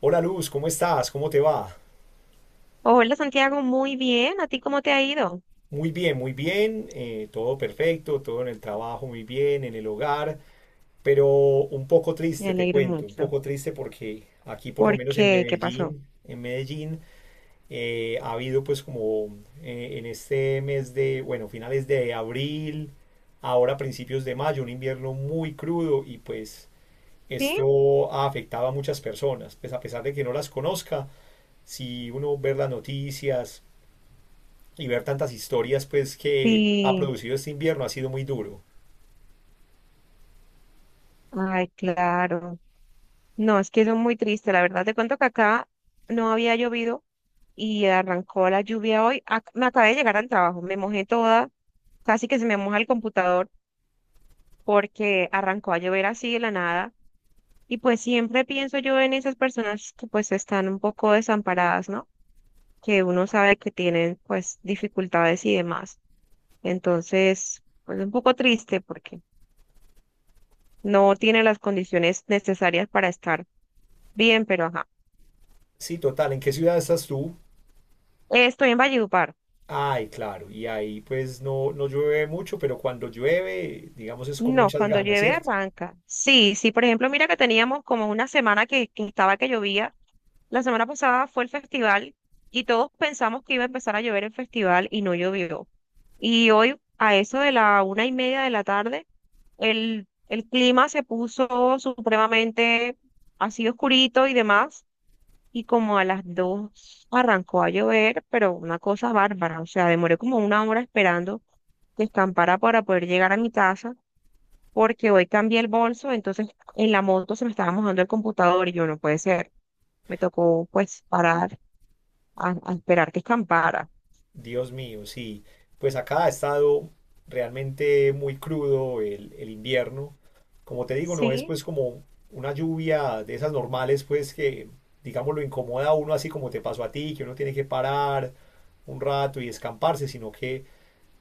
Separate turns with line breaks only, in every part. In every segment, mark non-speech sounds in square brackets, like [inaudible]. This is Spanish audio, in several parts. Hola Luz, ¿cómo estás? ¿Cómo te va?
Hola Santiago, muy bien. ¿A ti cómo te ha ido?
Muy bien, todo perfecto, todo en el trabajo muy bien, en el hogar, pero un poco
Me
triste, te
alegro
cuento, un
mucho.
poco triste porque aquí por lo
¿Por
menos en
qué? ¿Qué pasó?
Medellín, en Medellín, ha habido pues como en este mes de, bueno, finales de abril, ahora principios de mayo, un invierno muy crudo y pues
Sí,
esto ha afectado a muchas personas, pues a pesar de que no las conozca, si uno ve las noticias, y ver tantas historias pues que ha
sí.
producido este invierno ha sido muy duro.
Ay, claro. No, es que eso es muy triste. La verdad, te cuento que acá no había llovido y arrancó la lluvia hoy. Me acabé de llegar al trabajo, me mojé toda, casi que se me moja el computador porque arrancó a llover así de la nada. Y pues siempre pienso yo en esas personas que pues están un poco desamparadas, ¿no? Que uno sabe que tienen pues dificultades y demás. Entonces, pues un poco triste porque no tiene las condiciones necesarias para estar bien, pero ajá.
Sí, total, ¿en qué ciudad estás tú?
Estoy en Valledupar.
Ay, claro, y ahí pues no, no llueve mucho, pero cuando llueve, digamos, es con
No,
muchas
cuando
ganas,
llueve
¿cierto?
arranca. Sí, sí, por ejemplo, mira que teníamos como una semana que estaba que llovía. La semana pasada fue el festival y todos pensamos que iba a empezar a llover el festival y no llovió. Y hoy, a eso de la 1:30 de la tarde, el clima se puso supremamente así oscurito y demás y como a las dos arrancó a llover, pero una cosa bárbara, o sea, demoré como una hora esperando que escampara para poder llegar a mi casa, porque hoy cambié el bolso, entonces en la moto se me estaba mojando el computador y yo no puede ser, me tocó pues parar a esperar que escampara.
Dios mío, sí. Pues acá ha estado realmente muy crudo el invierno. Como te digo, no es
Sí,
pues como una lluvia de esas normales, pues que, digamos, lo incomoda a uno así como te pasó a ti, que uno tiene que parar un rato y escamparse, sino que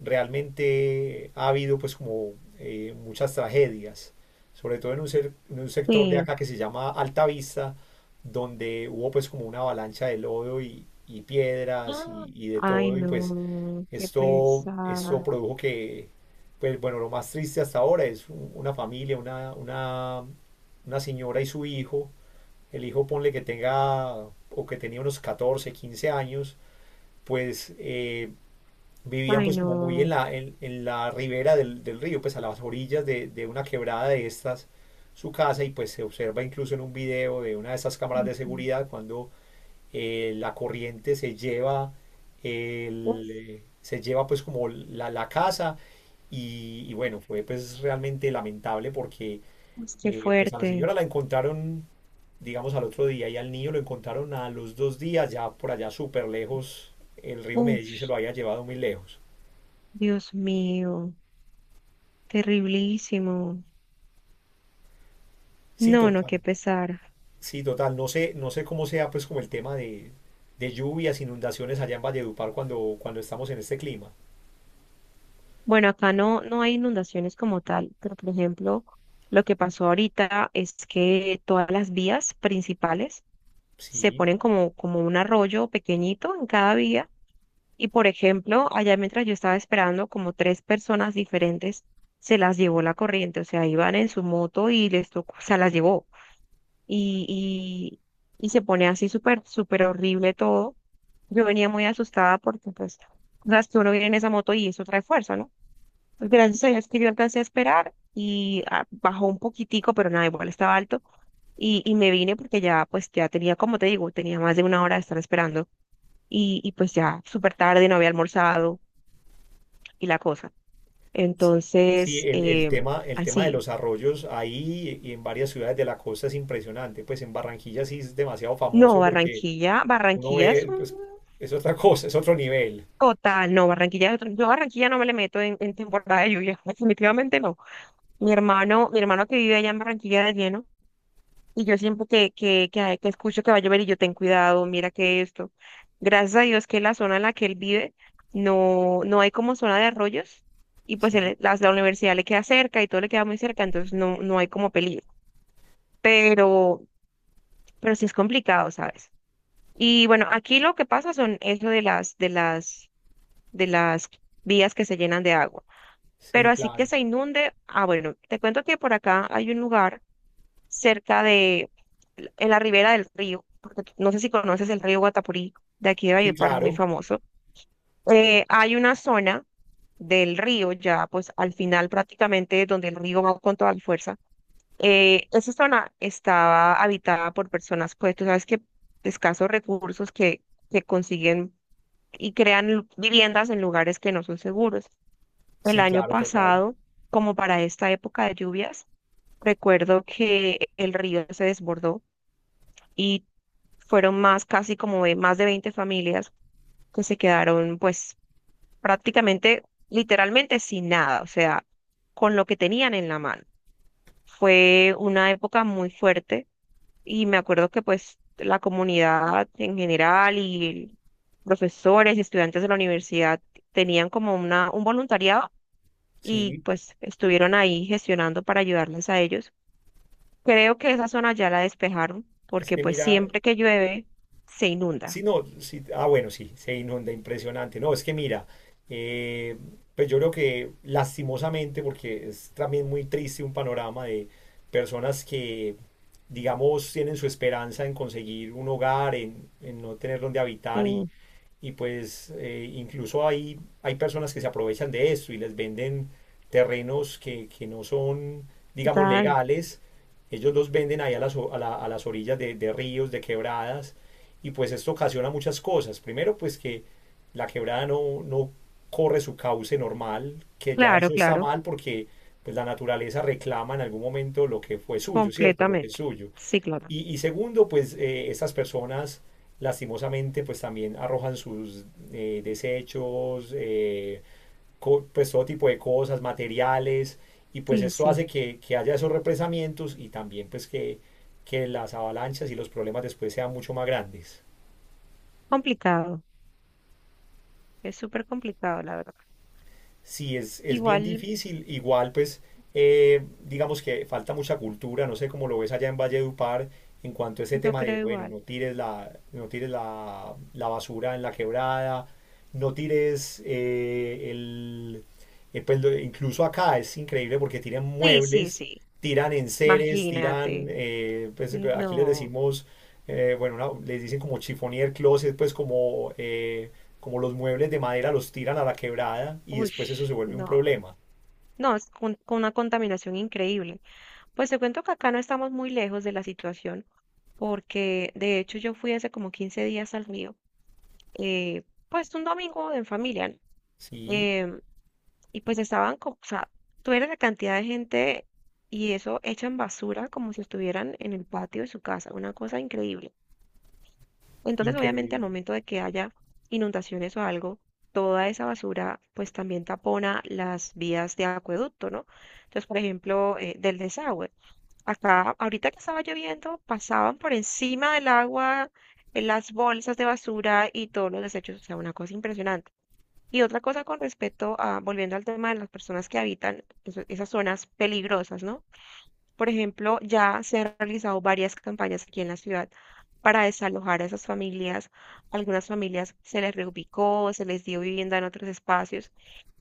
realmente ha habido pues como muchas tragedias, sobre todo en un, en un sector de
sí.
acá que se llama Altavista, donde hubo pues como una avalancha de lodo y piedras
Ah,
y de
ay,
todo, y pues
no, qué
esto
pesar.
produjo que, pues bueno, lo más triste hasta ahora es una familia, una señora y su hijo, el hijo ponle que tenga o que tenía unos 14 o 15 años, pues vivían
Ay,
pues como muy
no.
en la ribera del, del río, pues a las orillas de una quebrada de estas, su casa y pues se observa incluso en un video de una de esas cámaras de
Ujú.
seguridad cuando la corriente se lleva,
Uf,
el, se lleva pues como la casa y bueno, fue pues realmente lamentable porque
uf, qué
pues a la
fuerte.
señora la encontraron digamos al otro día y al niño lo encontraron a los dos días ya por allá súper lejos, el río
Uf,
Medellín se lo había llevado muy lejos.
Dios mío. Terriblísimo.
Sí,
No, no,
total.
qué pesar.
Sí, total. No sé, no sé cómo sea pues como el tema de lluvias, inundaciones allá en Valledupar cuando, cuando estamos en este clima.
Bueno, acá no, no hay inundaciones como tal, pero por ejemplo, lo que pasó ahorita es que todas las vías principales se
Sí,
ponen como un arroyo pequeñito en cada vía. Y por ejemplo, allá mientras yo estaba esperando, como tres personas diferentes se las llevó la corriente, o sea, iban en su moto y les tocó, o sea, las llevó. Y, y se pone así súper, súper horrible todo. Yo venía muy asustada porque, pues, o sea, que uno viene en esa moto y eso trae fuerza, ¿no? Pues, gracias a Dios que yo alcancé a esperar y bajó un poquitico, pero nada, igual estaba alto. Y me vine porque ya, pues, ya tenía, como te digo, tenía más de una hora de estar esperando. Y pues ya súper tarde, no había almorzado y la cosa.
sí, sí,
Entonces,
el tema, el tema de
así.
los arroyos ahí y en varias ciudades de la costa es impresionante. Pues en Barranquilla sí es demasiado
No,
famoso porque
Barranquilla,
uno
Barranquilla es
ve,
un
pues es otra cosa, es otro nivel.
total. No, Barranquilla, yo a Barranquilla no me le meto en temporada de lluvia, [laughs] definitivamente no. Mi hermano que vive allá en Barranquilla de lleno, y yo siempre que escucho que va a llover y yo ten cuidado, mira que esto. Gracias a Dios que la zona en la que él vive no, no hay como zona de arroyos, y pues
Sí,
la universidad le queda cerca y todo le queda muy cerca, entonces no, no hay como peligro. Pero, pero sí es complicado, ¿sabes? Y bueno, aquí lo que pasa son eso de las vías que se llenan de agua.
sí,
Pero así que
claro.
se inunde, ah, bueno, te cuento que por acá hay un lugar cerca de, en la ribera del río, porque no sé si conoces el río Guatapurí, de aquí de
Sí,
Valledupar, muy
claro.
famoso. Hay una zona del río, ya pues al final prácticamente donde el río va con toda la fuerza. Esa zona estaba habitada por personas, pues tú sabes que de escasos recursos que consiguen y crean viviendas en lugares que no son seguros. El
Sí,
año
claro, total.
pasado, como para esta época de lluvias, recuerdo que el río se desbordó y fueron más, casi como de más de 20 familias que se quedaron pues prácticamente, literalmente sin nada, o sea, con lo que tenían en la mano. Fue una época muy fuerte y me acuerdo que pues la comunidad en general y profesores y estudiantes de la universidad tenían como un voluntariado y
Sí,
pues estuvieron ahí gestionando para ayudarles a ellos. Creo que esa zona ya la despejaron
es
porque
que
pues
mira.
siempre que llueve se inunda.
Sí, no, sí, ah, bueno, sí, se inunda, impresionante. No, es que mira, eh, pues yo creo que lastimosamente, porque es también muy triste un panorama de personas que, digamos, tienen su esperanza en conseguir un hogar, en no tener donde habitar y pues incluso hay, hay personas que se aprovechan de esto y les venden terrenos que no son, digamos,
Tal.
legales. Ellos los venden ahí a las, a a las orillas de ríos, de quebradas y pues esto ocasiona muchas cosas. Primero, pues que la quebrada no, no corre su cauce normal, que ya
Claro,
eso está
claro,
mal porque pues la naturaleza reclama en algún momento lo que fue suyo, ¿cierto? Lo que es
completamente.
suyo.
Sí, claro.
Y segundo, pues estas personas lastimosamente pues también arrojan sus desechos, pues todo tipo de cosas, materiales, y pues
Sí,
esto
sí.
hace que haya esos represamientos y también pues que las avalanchas y los problemas después sean mucho más grandes.
Complicado. Es súper complicado, la verdad.
Sí, es bien
Igual,
difícil. Igual, pues, digamos que falta mucha cultura. No sé cómo lo ves allá en Valledupar en cuanto a ese
yo
tema de,
creo
bueno,
igual.
no tires la, no tires la, la basura en la quebrada, no tires el... pues, incluso acá es increíble porque tiran
Sí, sí,
muebles,
sí.
tiran enseres, tiran,
Imagínate.
pues aquí les
No.
decimos, bueno, les dicen como chiffonier closet, pues como... como los muebles de madera los tiran a la quebrada y
Uy,
después eso se vuelve un
no.
problema.
No, es con una contaminación increíble. Pues te cuento que acá no estamos muy lejos de la situación, porque de hecho yo fui hace como 15 días al mío. eh, pues un domingo en familia, ¿no?
Sí,
Em, Y pues estaban, o sea, tú eres la cantidad de gente y eso echan basura como si estuvieran en el patio de su casa, una cosa increíble. Entonces, obviamente, al
increíble.
momento de que haya inundaciones o algo, toda esa basura pues también tapona las vías de acueducto, ¿no? Entonces, por ejemplo, del desagüe. Acá, ahorita que estaba lloviendo, pasaban por encima del agua las bolsas de basura y todos los desechos, o sea, una cosa impresionante. Y otra cosa con respecto a, volviendo al tema de las personas que habitan esas zonas peligrosas, ¿no? Por ejemplo, ya se han realizado varias campañas aquí en la ciudad para desalojar a esas familias. Algunas familias se les reubicó, se les dio vivienda en otros espacios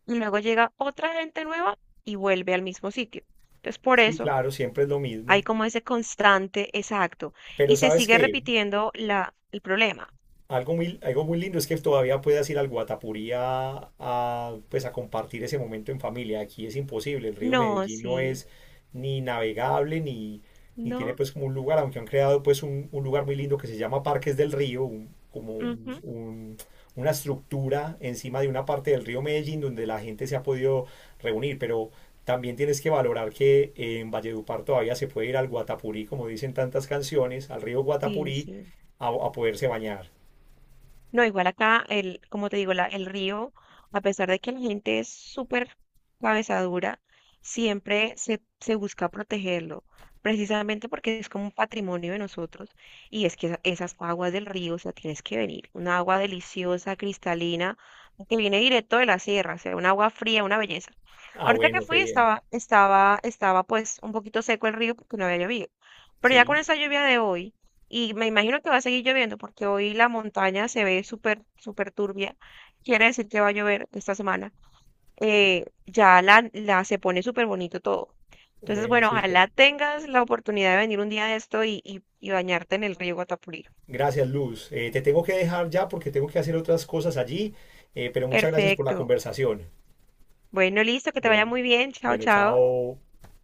y luego llega otra gente nueva y vuelve al mismo sitio. Entonces, por
Sí,
eso
claro, siempre es lo
hay
mismo.
como ese constante exacto
Pero
y se
¿sabes
sigue
qué?
repitiendo el problema.
Algo muy, algo muy lindo es que todavía puedas ir al Guatapurí a, pues, a compartir ese momento en familia. Aquí es imposible. El río
No,
Medellín no
sí,
es ni navegable ni, ni tiene
no,
pues como un lugar, aunque han creado pues un lugar muy lindo que se llama Parques del Río, como
ujú,
una estructura encima de una parte del río Medellín donde la gente se ha podido reunir, pero también tienes que valorar que en Valledupar todavía se puede ir al Guatapurí, como dicen tantas canciones, al río
sí,
Guatapurí
sí.
a poderse bañar.
No, igual acá, el, como te digo, el río, a pesar de que la gente es súper cabezadura, siempre se busca protegerlo, precisamente porque es como un patrimonio de nosotros. Y es que esas aguas del río, o sea, tienes que venir. Una agua deliciosa, cristalina, que viene directo de la sierra, o sea, un agua fría, una belleza.
Ah,
Ahorita que
bueno, qué
fui
bien.
estaba, pues un poquito seco el río porque no había llovido. Pero ya con
Sí,
esa lluvia de hoy y me imagino que va a seguir lloviendo porque hoy la montaña se ve súper, súper turbia. Quiere decir que va a llover esta semana. Ya se pone súper bonito todo. Entonces,
bueno,
bueno,
súper.
ojalá tengas la oportunidad de venir un día de esto y bañarte en el río Guatapurí.
Gracias, Luz. Te tengo que dejar ya porque tengo que hacer otras cosas allí, pero muchas gracias por la
Perfecto.
conversación.
Bueno, listo, que te vaya
Bueno,
muy bien. Chao,
bueno,
chao.
chao.